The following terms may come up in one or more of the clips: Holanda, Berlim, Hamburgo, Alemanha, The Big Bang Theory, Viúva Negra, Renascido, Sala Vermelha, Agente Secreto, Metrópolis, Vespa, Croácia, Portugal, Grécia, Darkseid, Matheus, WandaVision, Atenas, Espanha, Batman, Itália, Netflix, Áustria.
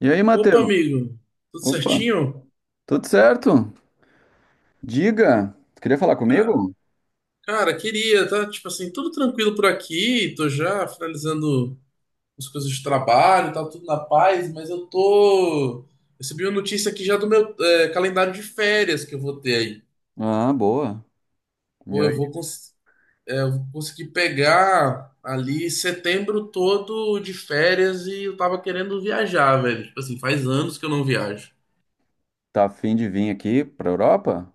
E aí, Opa, Matheus? amigo, tudo Opa, certinho? tudo certo? Diga, tu queria falar Ca- comigo? Cara, queria, tá? Tipo assim, tudo tranquilo por aqui, tô já finalizando as coisas de trabalho, tá tudo na paz, mas eu tô. Recebi uma notícia aqui já do meu calendário de férias que eu vou ter aí. Ah, boa. E Pô, aí, eu vou, eu vou conseguir pegar ali setembro todo de férias e eu tava querendo viajar, velho. Tipo assim, faz anos que eu não viajo. tá afim de vir aqui pra Europa?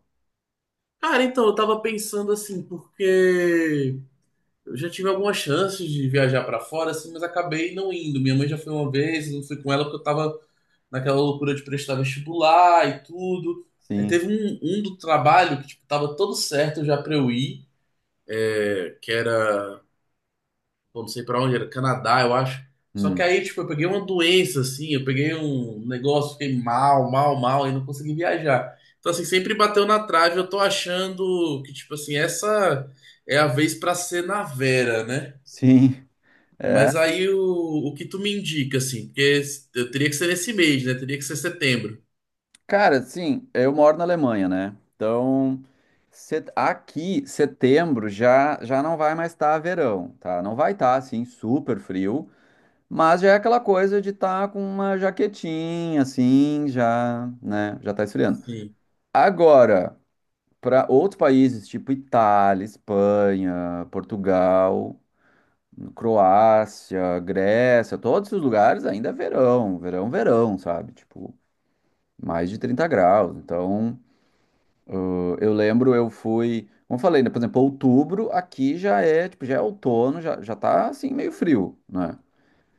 Cara, então, eu tava pensando assim, porque. Eu já tive algumas chances de viajar pra fora, assim, mas acabei não indo. Minha mãe já foi uma vez, eu não fui com ela porque eu tava naquela loucura de prestar vestibular e tudo. Aí Sim. teve um do trabalho que, tipo, tava todo certo já pra eu ir, que era, pô, não sei pra onde, era Canadá, eu acho. Só que Hum. aí, tipo, eu peguei uma doença, assim, eu peguei um negócio, fiquei mal, mal, mal, e não consegui viajar. Então, assim, sempre bateu na trave, eu tô achando que, tipo, assim, essa é a vez pra ser na Vera, né? Sim. É. Mas aí o que tu me indica, assim, porque eu teria que ser nesse mês, né? Teria que ser setembro. Cara, sim, eu moro na Alemanha, né? Então, aqui, setembro, já não vai mais estar verão, tá? Não vai estar, assim, super frio, mas já é aquela coisa de estar com uma jaquetinha, assim, já, né? Já tá esfriando. Sim, Agora, para outros países, tipo Itália, Espanha, Portugal, Croácia, Grécia, todos os lugares ainda é verão, verão, verão, sabe? Tipo, mais de 30 graus. Então, eu lembro, eu fui, como eu falei, né? Por exemplo, outubro aqui já é, tipo, já é outono, já tá assim meio frio, né?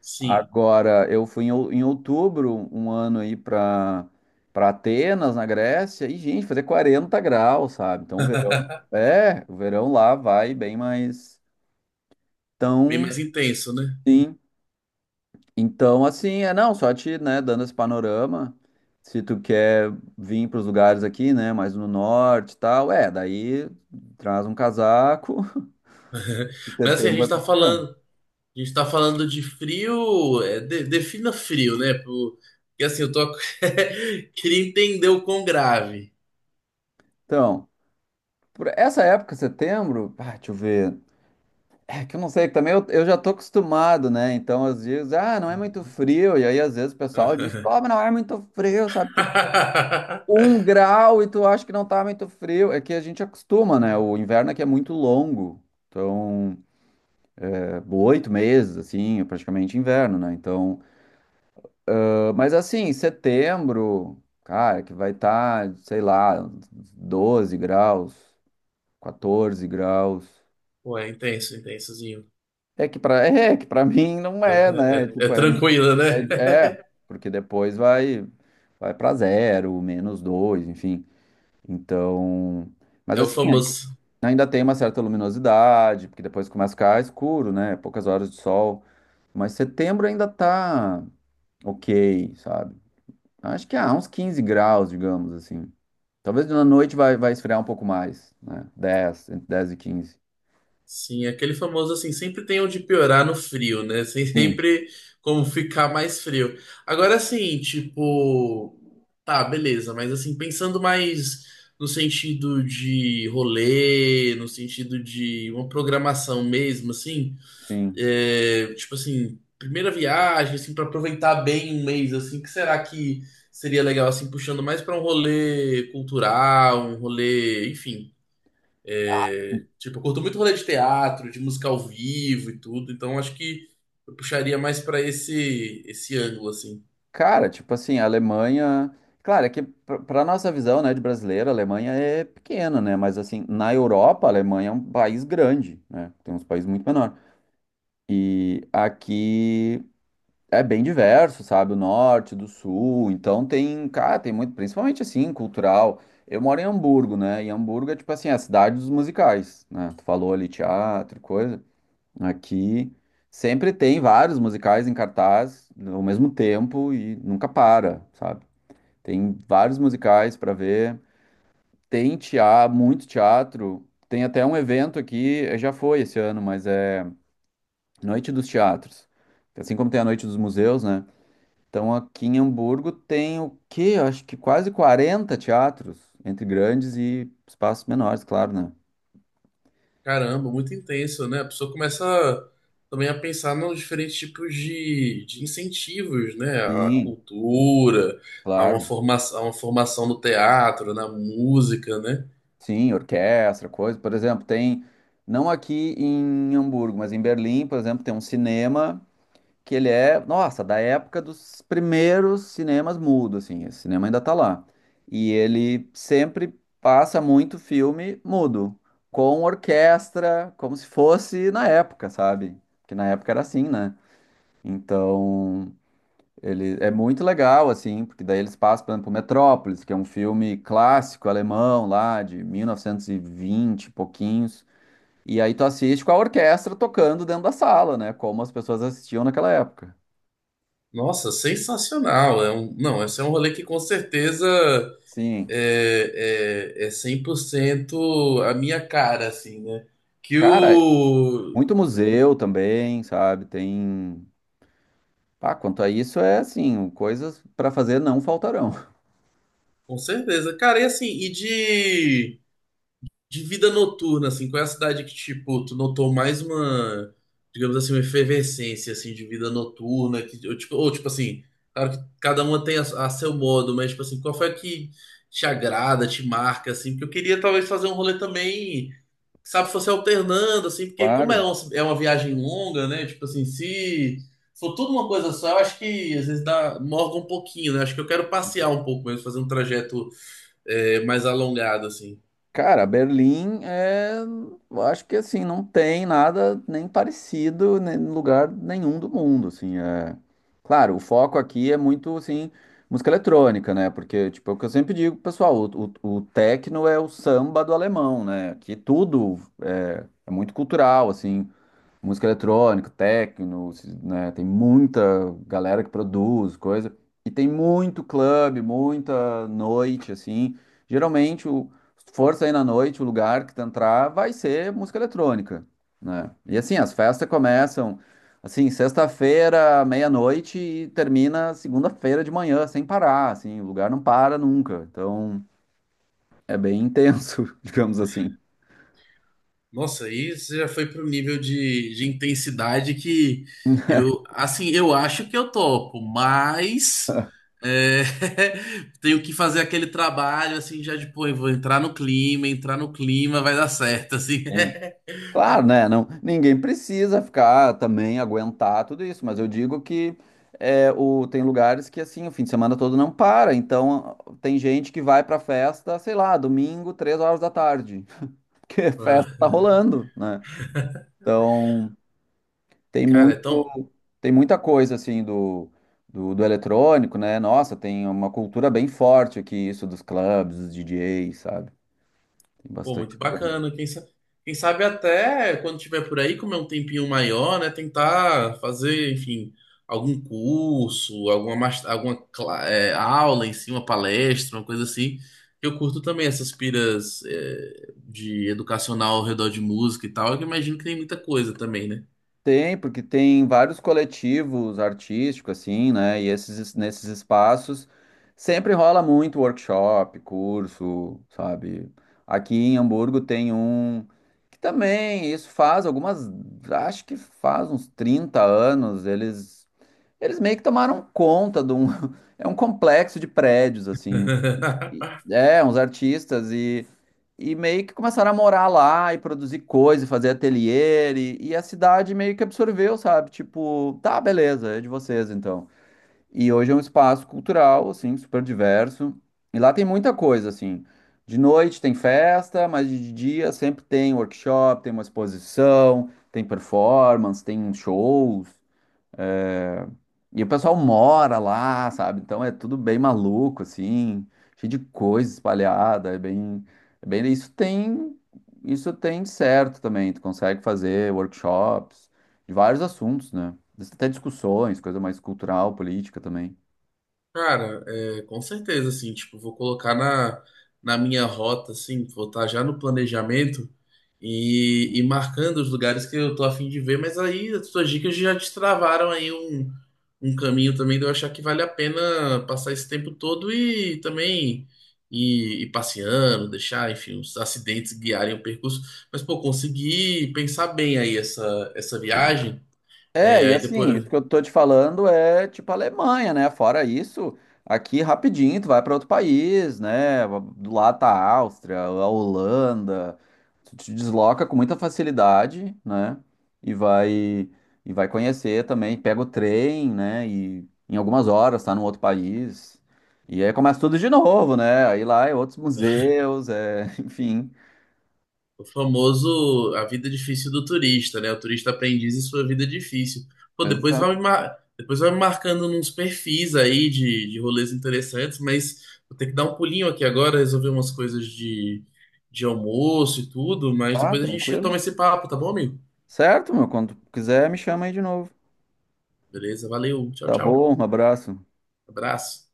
sim. Agora, eu fui em, em outubro, um ano aí para para Atenas, na Grécia, e, gente, fazer 40 graus, sabe? Então, o verão, é, o verão lá vai bem mais Bem tão, mais intenso, né? sim. Então, assim, é, não, só te, né, dando esse panorama, se tu quer vir para os lugares aqui, né, mais no norte e tal, é, daí traz um casaco, em Mas assim, setembro vai precisar. A gente tá falando de frio, é, defina frio, né? Porque assim, eu tô queria entender o quão grave. Então, por essa época, setembro, ah, deixa eu ver. É que eu não sei, que também eu, já tô acostumado, né? Então, às vezes, ah, não é muito Uhum. frio. E aí, às vezes, o pessoal diz, pô, mas não é muito frio, sabe? Tipo, um grau e tu acha que não tá muito frio. É que a gente acostuma, né? O inverno aqui é muito longo. Então, é, 8 meses, assim, é praticamente inverno, né? Então, ah, mas assim, setembro, cara, que vai estar, sei lá, 12 graus, 14 graus. Ué, intenso, intensozinho. É que para mim não é, É, né? É Tipo, é, tranquilo, né? é, é, porque depois vai para zero, menos dois, enfim. Então, mas É o assim, famoso. ainda tem uma certa luminosidade, porque depois começa a ficar escuro, né? Poucas horas de sol. Mas setembro ainda tá ok, sabe? Acho que há uns 15 graus, digamos assim. Talvez na noite vai esfriar um pouco mais, né? 10, entre 10 e 15 Sim, aquele famoso assim, sempre tem onde piorar no frio, né? Sem Sim, sempre como ficar mais frio. Agora assim, tipo, tá, beleza, mas assim, pensando mais no sentido de rolê, no sentido de uma programação mesmo, assim, sim. é, tipo assim, primeira viagem, assim, para aproveitar bem um mês, assim, que será que seria legal, assim, puxando mais para um rolê cultural, um rolê, enfim. É, tipo, eu curto muito rolê de teatro, de música ao vivo e tudo, então acho que eu puxaria mais pra esse ângulo assim. Cara, tipo assim, a Alemanha. Claro, é que pra nossa visão, né, de brasileiro, a Alemanha é pequena, né? Mas assim, na Europa, a Alemanha é um país grande, né? Tem uns países muito menores. E aqui é bem diverso, sabe? O norte, do sul. Então tem, cara, tem muito, principalmente assim, cultural. Eu moro em Hamburgo, né? E Hamburgo é tipo assim, a cidade dos musicais, né? Tu falou ali teatro, e coisa. Aqui sempre tem vários musicais em cartaz ao mesmo tempo e nunca para, sabe? Tem vários musicais para ver. Tem teatro, muito teatro. Tem até um evento aqui, já foi esse ano, mas é Noite dos Teatros. Assim como tem a Noite dos Museus, né? Então aqui em Hamburgo tem o quê? Eu acho que quase 40 teatros, entre grandes e espaços menores, claro, né? Caramba, muito intenso, né? A pessoa começa também a pensar nos diferentes tipos de incentivos, né? A Sim, cultura, claro. A uma formação no teatro, na música, né? Sim, orquestra, coisa. Por exemplo, tem, não aqui em Hamburgo, mas em Berlim, por exemplo, tem um cinema que ele é, nossa, da época dos primeiros cinemas mudo, assim, esse cinema ainda tá lá. E ele sempre passa muito filme mudo, com orquestra, como se fosse na época, sabe? Porque na época era assim, né? Então, ele é muito legal, assim, porque daí eles passam, por exemplo, Metrópolis, que é um filme clássico alemão lá, de 1920 e vinte e pouquinhos. E aí tu assiste com a orquestra tocando dentro da sala, né? Como as pessoas assistiam naquela época. Nossa, sensacional. É um, não, esse é um rolê que com certeza Sim. É 100% a minha cara, assim, né? Que Cara, o. muito museu também, sabe? Tem. Ah, quanto a isso, é assim, coisas para fazer não faltarão, Com certeza. Cara, e assim, de vida noturna, assim, qual é a cidade que, tipo, tu notou mais uma, digamos assim, uma efervescência, assim, de vida noturna? Que, ou, tipo assim, claro que cada uma tem a seu modo, mas, tipo assim, qual foi a que te agrada, te marca, assim? Porque eu queria, talvez, fazer um rolê também sabe, se fosse alternando, assim, porque como é, claro. É uma viagem longa, né? Tipo assim, se for tudo uma coisa só, eu acho que às vezes dá, morga um pouquinho, né? Acho que eu quero passear um pouco mesmo, fazer um trajeto é, mais alongado, assim. Cara, Berlim é. Eu acho que assim, não tem nada nem parecido em lugar nenhum do mundo, assim. É... Claro, o foco aqui é muito, assim, música eletrônica, né? Porque, tipo, é o que eu sempre digo, pessoal, o techno é o samba do alemão, né? Aqui tudo é, é muito cultural, assim. Música eletrônica, techno, né? Tem muita galera que produz coisa. E tem muito clube, muita noite, assim. Geralmente, o, se for sair na noite, o lugar que tu entrar vai ser música eletrônica, né? E assim, as festas começam, assim, sexta-feira, meia-noite e termina segunda-feira de manhã, sem parar, assim. O lugar não para nunca. Então, é bem intenso, digamos assim. Nossa, aí você já foi para um nível de intensidade que eu, assim, eu acho que eu topo, mas é, tenho que fazer aquele trabalho, assim, já de, pô, eu vou entrar no clima, vai dar certo, assim. Claro, né? Não, ninguém precisa ficar também aguentar tudo isso, mas eu digo que é, o, tem lugares que assim o fim de semana todo não para, então tem gente que vai pra festa, sei lá, domingo, 3 horas da tarde, porque a festa tá Ah. rolando, né? Então tem Cara, é muito, tão tem muita coisa assim do eletrônico, né? Nossa, tem uma cultura bem forte aqui, isso dos clubes, dos DJs, sabe? Tem pô, muito bastante lugar. bacana. Quem sabe até quando tiver por aí, comer um tempinho maior, né? Tentar fazer, enfim, algum curso, alguma, alguma aula em si, uma palestra, uma coisa assim. Eu curto também essas piras, é, de educacional ao redor de música e tal, que eu imagino que tem muita coisa também, né? Tem, porque tem vários coletivos artísticos, assim, né? E esses, nesses espaços sempre rola muito workshop, curso, sabe? Aqui em Hamburgo tem um que também isso faz algumas, acho que faz uns 30 anos, eles, eles meio que tomaram conta de um, é um complexo de prédios, assim. É, uns artistas e meio que começaram a morar lá e produzir coisa, e fazer ateliê, e a cidade meio que absorveu, sabe? Tipo, tá, beleza, é de vocês então. E hoje é um espaço cultural, assim, super diverso. E lá tem muita coisa, assim. De noite tem festa, mas de dia sempre tem workshop, tem uma exposição, tem performance, tem shows. É, e o pessoal mora lá, sabe? Então é tudo bem maluco, assim, cheio de coisa espalhada, é bem, isso tem certo também. Tu consegue fazer workshops de vários assuntos, né? Até discussões, coisa mais cultural, política também. Cara, é, com certeza, assim, tipo, vou colocar na minha rota, assim, vou estar já no planejamento e marcando os lugares que eu tô a fim de ver, mas aí as suas dicas já destravaram aí um caminho também de eu achar que vale a pena passar esse tempo todo e também ir passeando, deixar, enfim, os acidentes guiarem o percurso. Mas, pô, consegui pensar bem aí essa viagem. É, É, e aí assim, depois. isso que eu tô te falando é tipo Alemanha, né? Fora isso, aqui rapidinho tu vai para outro país, né? Do lado tá a Áustria, a Holanda. Tu te desloca com muita facilidade, né? E vai e vai conhecer também, pega o trem, né? E em algumas horas tá num outro país. E aí começa tudo de novo, né? Aí lá é outros museus, é, enfim. O famoso a vida difícil do turista, né? O turista aprendiz e sua vida difícil. Pô, Exato. Depois vai me marcando uns perfis aí de rolês interessantes, mas vou ter que dar um pulinho aqui agora, resolver umas coisas de almoço e tudo, mas Tá, depois a gente tranquilo. retoma esse papo, tá bom, amigo? Certo, meu, quando tu quiser me chama aí de novo. Beleza, valeu, tchau, Tá tchau. bom, um abraço. Abraço.